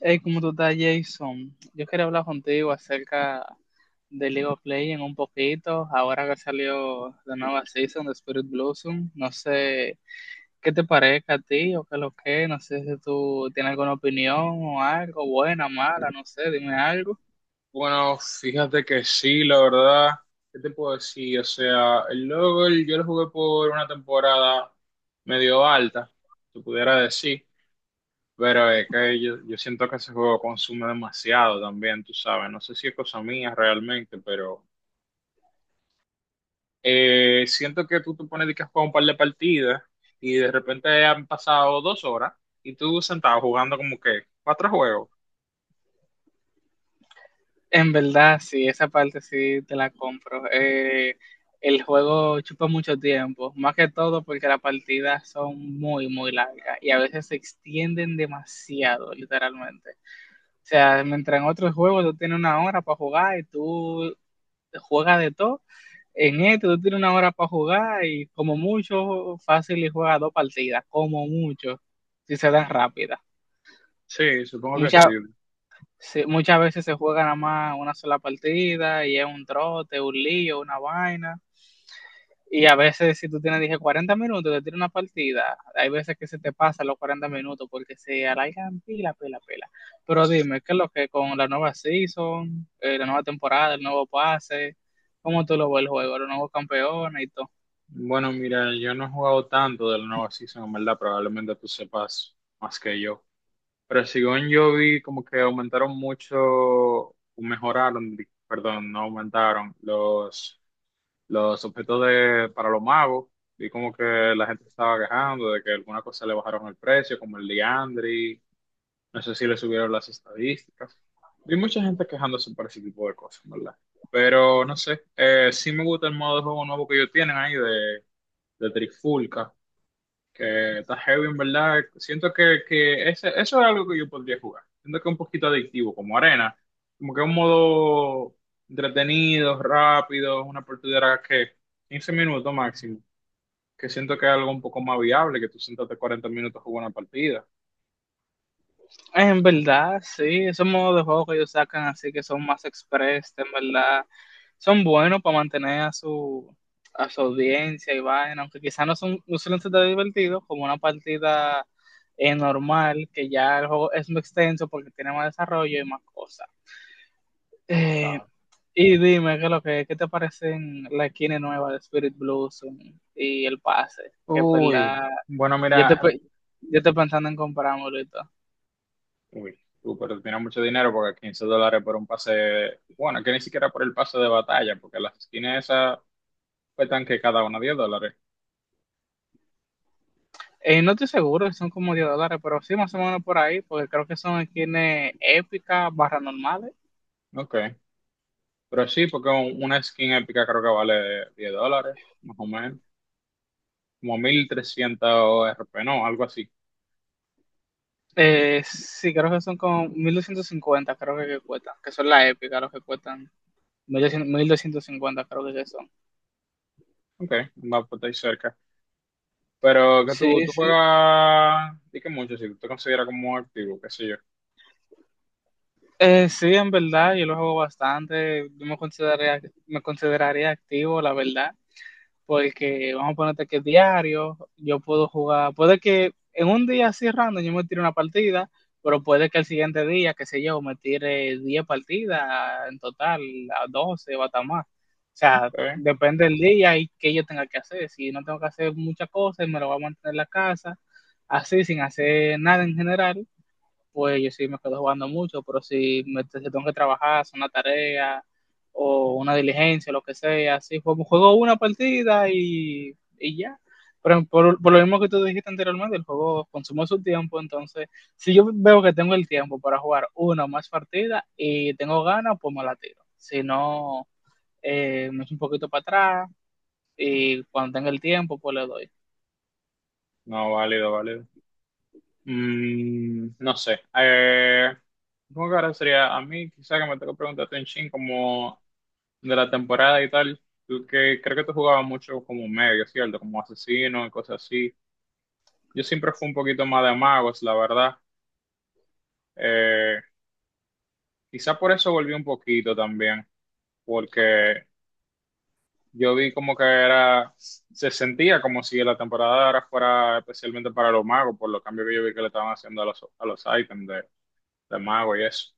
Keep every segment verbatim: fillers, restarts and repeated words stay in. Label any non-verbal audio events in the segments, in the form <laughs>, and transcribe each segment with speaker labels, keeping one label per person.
Speaker 1: Hey, ¿cómo tú estás, Jason? Yo quería hablar contigo acerca de League of Legends un poquito, ahora que salió la nueva season de Spirit Blossom. No sé qué te parezca a ti o qué es lo que, no sé si tú tienes alguna opinión o algo, buena, mala, no sé, dime algo.
Speaker 2: Bueno, fíjate que sí, la verdad, ¿qué te puedo decir? O sea, el LOL yo lo jugué por una temporada medio alta, se pudiera decir, pero es que yo, yo siento que ese juego consume demasiado también, tú sabes, no sé si es cosa mía realmente, pero eh, siento que tú te pones de que a jugar un par de partidas y de repente han pasado dos horas y tú sentado jugando como que cuatro juegos.
Speaker 1: En verdad, sí, esa parte sí te la compro. Eh, el juego chupa mucho tiempo, más que todo porque las partidas son muy, muy largas y a veces se extienden demasiado, literalmente. O sea, mientras en otros juegos tú tienes una hora para jugar y tú juegas de todo, en este tú tienes una hora para jugar y como mucho, fácil y juegas dos partidas, como mucho, si se dan rápidas.
Speaker 2: Sí, supongo que
Speaker 1: Muchas,
Speaker 2: sí.
Speaker 1: se- Muchas veces se juega nada más una sola partida y es un trote, un lío, una vaina. Y a veces, si tú tienes, dije, cuarenta minutos, te tira una partida. Hay veces que se te pasan los cuarenta minutos porque se alargan pila, pila, pila. Pero dime, ¿qué es lo que con la nueva season, eh, la nueva temporada, el nuevo pase? ¿Cómo tú lo ves el juego? ¿Los nuevos campeones y todo?
Speaker 2: Bueno, mira, yo no he jugado tanto de la nueva season, en verdad, probablemente tú sepas más que yo. Pero según yo vi, como que aumentaron mucho, o mejoraron, di- perdón, no aumentaron los, los objetos de, para los magos. Vi como que la gente estaba quejando de que alguna cosa le bajaron el precio, como el Liandry, no sé si le subieron las estadísticas. Vi mucha gente quejándose por ese tipo de cosas, ¿en verdad? Pero no sé, eh, sí me gusta el modo de juego nuevo que ellos tienen ahí de Trifulca, que está heavy en verdad. Siento que, que ese, eso es algo que yo podría jugar. Siento que es un poquito adictivo, como arena. Como que es un modo entretenido, rápido, una partida que quince minutos máximo. Que siento que es algo un poco más viable, que tú sentarte cuarenta minutos a jugar una partida.
Speaker 1: En verdad, sí, esos modos de juego que ellos sacan así que son más express, en verdad, son buenos para mantener a su, a su audiencia y vaina, aunque quizás no son no suelen ser tan divertidos como una partida eh, normal, que ya el juego es muy extenso porque tiene más desarrollo y más cosas. Eh,
Speaker 2: Ah.
Speaker 1: y dime, ¿qué, es lo que, qué te parecen la esquina nueva de Spirit Blossom y el pase? Que en
Speaker 2: Uy,
Speaker 1: verdad,
Speaker 2: bueno,
Speaker 1: yo te,
Speaker 2: mira,
Speaker 1: pe- yo estoy pensando en comprármelo y todo.
Speaker 2: uy, tú, pero tienes mucho dinero porque quince dólares por un pase, bueno, que ni siquiera por el pase de batalla, porque las esquinas esas cuestan que cada una diez dólares.
Speaker 1: Eh, no estoy seguro, si son como diez dólares, pero sí, más o menos por ahí, porque creo que son esquinas épicas, barra normales.
Speaker 2: Ok. Pero sí, porque un- una skin épica creo que vale diez dólares, más o menos. Como mil trescientos R P, no, algo así.
Speaker 1: Eh, sí, creo que son como mil doscientos cincuenta creo que, que cuestan, que son las épicas, los que cuestan mil doscientos mil doscientos cincuenta creo que, que son.
Speaker 2: Ok, va por ahí cerca. Pero que tú,
Speaker 1: Sí,
Speaker 2: tú
Speaker 1: sí.
Speaker 2: juegas, di que mucho, si tú te consideras como activo, qué sé yo.
Speaker 1: Eh, sí, en verdad, yo lo juego bastante, yo me consideraría, me consideraría activo, la verdad. Porque vamos a ponerte que diario, yo puedo jugar, puede que en un día así random yo me tire una partida, pero puede que el siguiente día, qué sé yo, me tire diez partidas en total, a doce o hasta más. O sea,
Speaker 2: ¿Está
Speaker 1: depende del día y qué yo tenga que hacer. Si no tengo que hacer muchas cosas, me lo voy a mantener en la casa, así, sin hacer nada en general, pues yo sí me quedo jugando mucho, pero si, me, si tengo que trabajar, hacer una tarea o una diligencia, lo que sea, sí, juego, juego una partida y, y ya. Pero por, por, lo mismo que tú dijiste anteriormente, el juego consume su tiempo, entonces si yo veo que tengo el tiempo para jugar una o más partidas y tengo ganas, pues me la tiro. Si no, eh, me echo un poquito para atrás y cuando tenga el tiempo, pues le doy.
Speaker 2: No, válido, válido. Mm, no sé. Eh, supongo que ahora sería a mí, quizá que me tengo que preguntarte un chin como de la temporada y tal. Tú que creo que tú jugabas mucho como medio, ¿cierto? Como asesino y cosas así. Yo siempre fui un poquito más de magos, la verdad. Eh, quizá por eso volví un poquito también, porque yo vi como que era, se sentía como si la temporada de ahora fuera especialmente para los magos, por los cambios que yo vi que le estaban haciendo a los, a los ítems de, de mago y eso.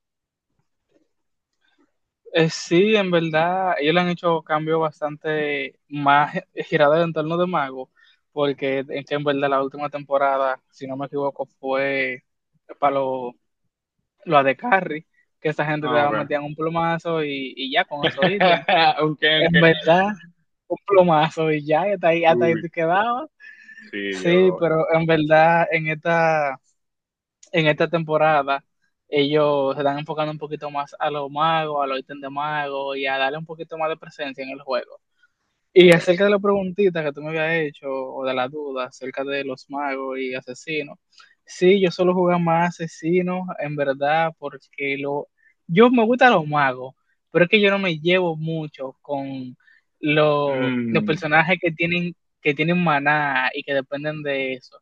Speaker 1: Eh, sí, en verdad, ellos le han hecho cambios bastante más girados en torno de Mago, porque en, que en verdad la última temporada, si no me equivoco, fue para los lo de Carrie, que esa gente
Speaker 2: Ah,
Speaker 1: te
Speaker 2: ok.
Speaker 1: metían un plomazo y, y ya con eso ítem.
Speaker 2: <laughs> Ok, ok.
Speaker 1: En verdad, un plomazo y ya, y hasta ahí, hasta ahí
Speaker 2: Uy,
Speaker 1: te quedabas.
Speaker 2: sí,
Speaker 1: Sí,
Speaker 2: yo.
Speaker 1: pero en verdad, en esta en esta temporada ellos se están enfocando un poquito más a los magos, a los ítems de magos y a darle un poquito más de presencia en el juego. Y
Speaker 2: Ok.
Speaker 1: acerca de la preguntita que tú me habías hecho, o de la duda acerca de los magos y asesinos, sí, yo solo jugaba más asesinos, en verdad, porque lo, yo me gustan los magos, pero es que yo no me llevo mucho con lo- los
Speaker 2: Mm.
Speaker 1: personajes que tienen, que tienen maná y que dependen de eso.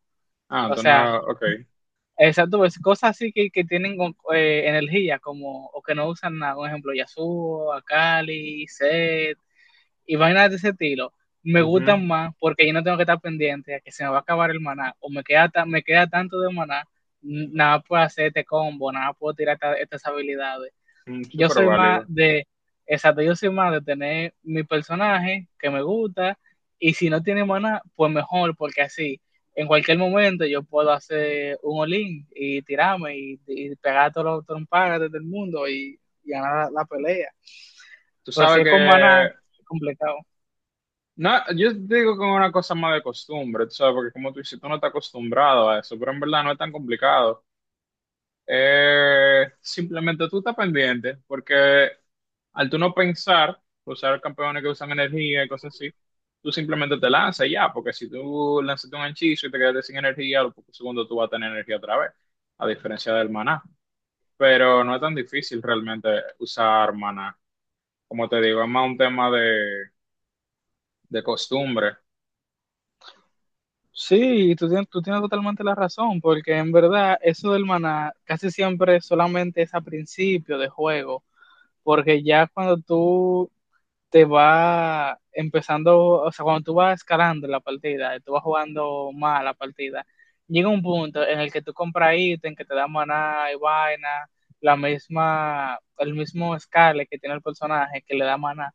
Speaker 2: Ah,
Speaker 1: O
Speaker 2: entonces,
Speaker 1: sea,
Speaker 2: no, ok.
Speaker 1: exacto, pues cosas así que, que tienen con- eh, energía, como, o que no usan nada, por ejemplo, Yasuo, Akali, Zed, y vainas de ese estilo, me
Speaker 2: Ujú.
Speaker 1: gustan más porque yo no tengo que estar pendiente a que se me va a acabar el maná, o me queda, ta- me queda tanto de maná, n- nada puedo hacer este combo, nada puedo tirar esta- estas habilidades.
Speaker 2: Mm,
Speaker 1: Yo
Speaker 2: súper
Speaker 1: soy más
Speaker 2: válido.
Speaker 1: de, Exacto, yo soy más de tener mi personaje que me gusta y si no tiene maná, pues mejor, porque así en cualquier momento yo puedo hacer un olín y tirarme y, y pegar a todos los trompagas del mundo y, y ganar la, la, pelea.
Speaker 2: Tú
Speaker 1: Pero si
Speaker 2: sabes
Speaker 1: es con maná,
Speaker 2: que
Speaker 1: es complicado.
Speaker 2: no, yo te digo que es una cosa más de costumbre, tú sabes, porque como tú dices, tú no estás acostumbrado a eso, pero en verdad no es tan complicado. Eh, simplemente tú estás pendiente, porque al tú no pensar, usar campeones que usan energía y cosas así, tú simplemente te lanzas y ya, porque si tú lanzas un hechizo y te quedaste sin energía, a los pocos segundos tú vas a tener energía otra vez, a diferencia del maná. Pero no es tan difícil realmente usar maná. Como te digo, es más un tema de, de costumbre.
Speaker 1: Sí, tú tienes, tú tienes totalmente la razón, porque en verdad eso del maná casi siempre solamente es a principio de juego, porque ya cuando tú te va empezando, o sea, cuando tú vas escalando la partida, tú vas jugando más la partida, llega un punto en el que tú compras ítem que te da maná y vaina, la misma, el mismo Scarlet que tiene el personaje que le da maná,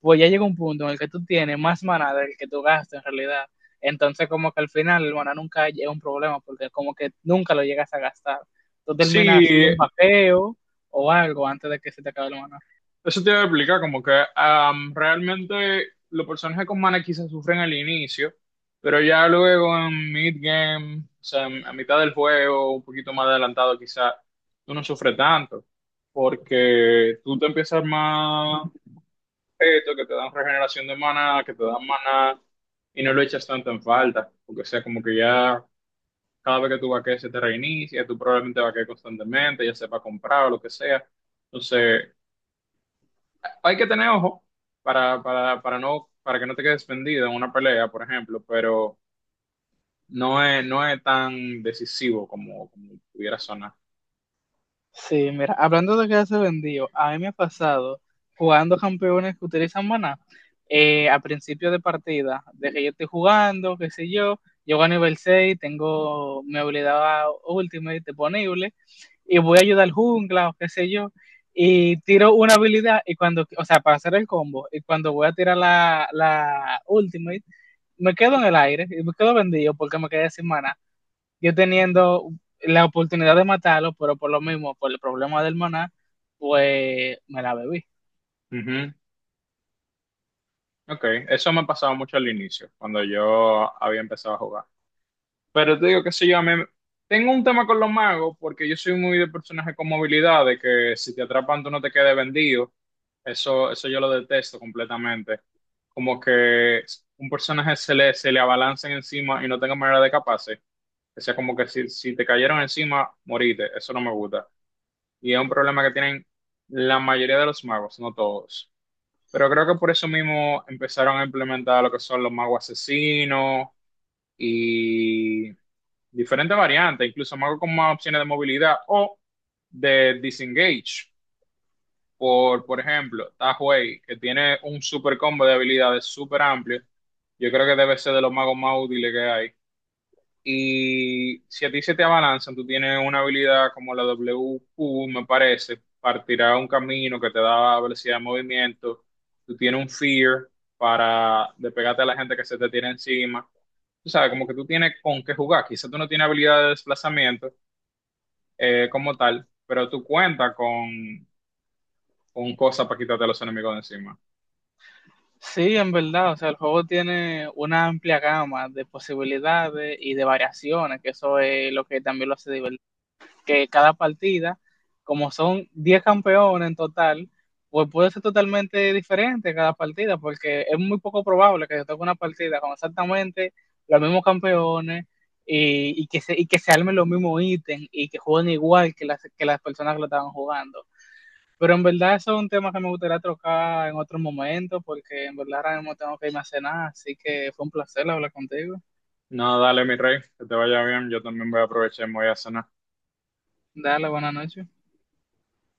Speaker 1: pues ya llega un punto en el que tú tienes más maná del que tú gastas en realidad. Entonces como que al final el maná nunca es un problema porque como que nunca lo llegas a gastar. Tú terminas
Speaker 2: Sí,
Speaker 1: haciendo un vaqueo o algo antes de que se te acabe el maná.
Speaker 2: eso te iba a explicar, como que am, realmente los personajes con mana quizás sufren al inicio, pero ya luego en mid-game, o sea, en- a mitad del juego, un poquito más adelantado quizás, tú no sufres tanto, porque tú te empiezas a armar objetos que te dan regeneración de mana, que te dan mana, y no lo echas tanto en falta, porque o sea, como que ya cada vez que tú vaquees se te reinicia, tú probablemente vaquees constantemente, ya sepa comprar o lo que sea. Entonces, hay que tener ojo para, para, para no, para que no te quedes vendido en una pelea, por ejemplo, pero no es, no es tan decisivo como, como pudiera sonar.
Speaker 1: Sí, mira, hablando de quedarse vendido, a mí me ha pasado jugando campeones que utilizan maná. Eh, a principio de partida, de que yo estoy jugando, qué sé yo, llego a nivel seis, tengo mi habilidad Ultimate disponible y voy a ayudar al jungla o qué sé yo, y tiro una habilidad y cuando, o sea, para hacer el combo, y cuando voy a tirar la, la Ultimate, me quedo en el aire y me quedo vendido porque me quedé sin maná yo teniendo la oportunidad de matarlo, pero por lo mismo, por el problema del maná, pues me la bebí.
Speaker 2: Ujú. Ok, eso me ha pasado mucho al inicio, cuando yo había empezado a jugar. Pero te digo, qué sé yo, a mí me- tengo un tema con los magos porque yo soy muy de personaje con movilidad, de que si te atrapan tú no te quedes vendido. Eso, eso yo lo detesto completamente. Como que un personaje se le, se le abalancen encima y no tenga manera de escaparse. O sea, como que si, si te cayeron encima, moriste. Eso no me gusta. Y es un problema que tienen la mayoría de los magos, no todos. Pero creo que por eso mismo empezaron a implementar lo que son los magos asesinos y diferentes variantes, incluso más con más opciones de movilidad o de disengage. Por, por ejemplo, Tahuey, que tiene un super combo de habilidades super amplio. Yo creo que debe ser de los magos más útiles que hay. Y si a ti se te abalanzan, tú tienes una habilidad como la W Q, me parece, partirá un camino que te da velocidad de movimiento. Tú tienes un fear para despegarte a la gente que se te tiene encima. Tú sabes, como que tú tienes con qué jugar. Quizás tú no tienes habilidad de desplazamiento eh, como tal, pero tú cuentas con, con cosas para quitarte a los enemigos de encima.
Speaker 1: Sí, en verdad, o sea, el juego tiene una amplia gama de posibilidades y de variaciones, que eso es lo que también lo hace divertido. Que cada partida, como son diez campeones en total, pues puede ser totalmente diferente cada partida, porque es muy poco probable que se toque una partida con exactamente los mismos campeones y, y que, se, y que se armen los mismos ítems y que jueguen igual que las, que las personas que lo estaban jugando. Pero en verdad eso es un tema que me gustaría tocar en otro momento, porque en verdad ahora mismo tengo que irme a cenar, así que fue un placer hablar contigo.
Speaker 2: No, dale, mi rey, que te vaya bien. Yo también voy a aprovechar y me voy a cenar.
Speaker 1: Dale, buenas noches.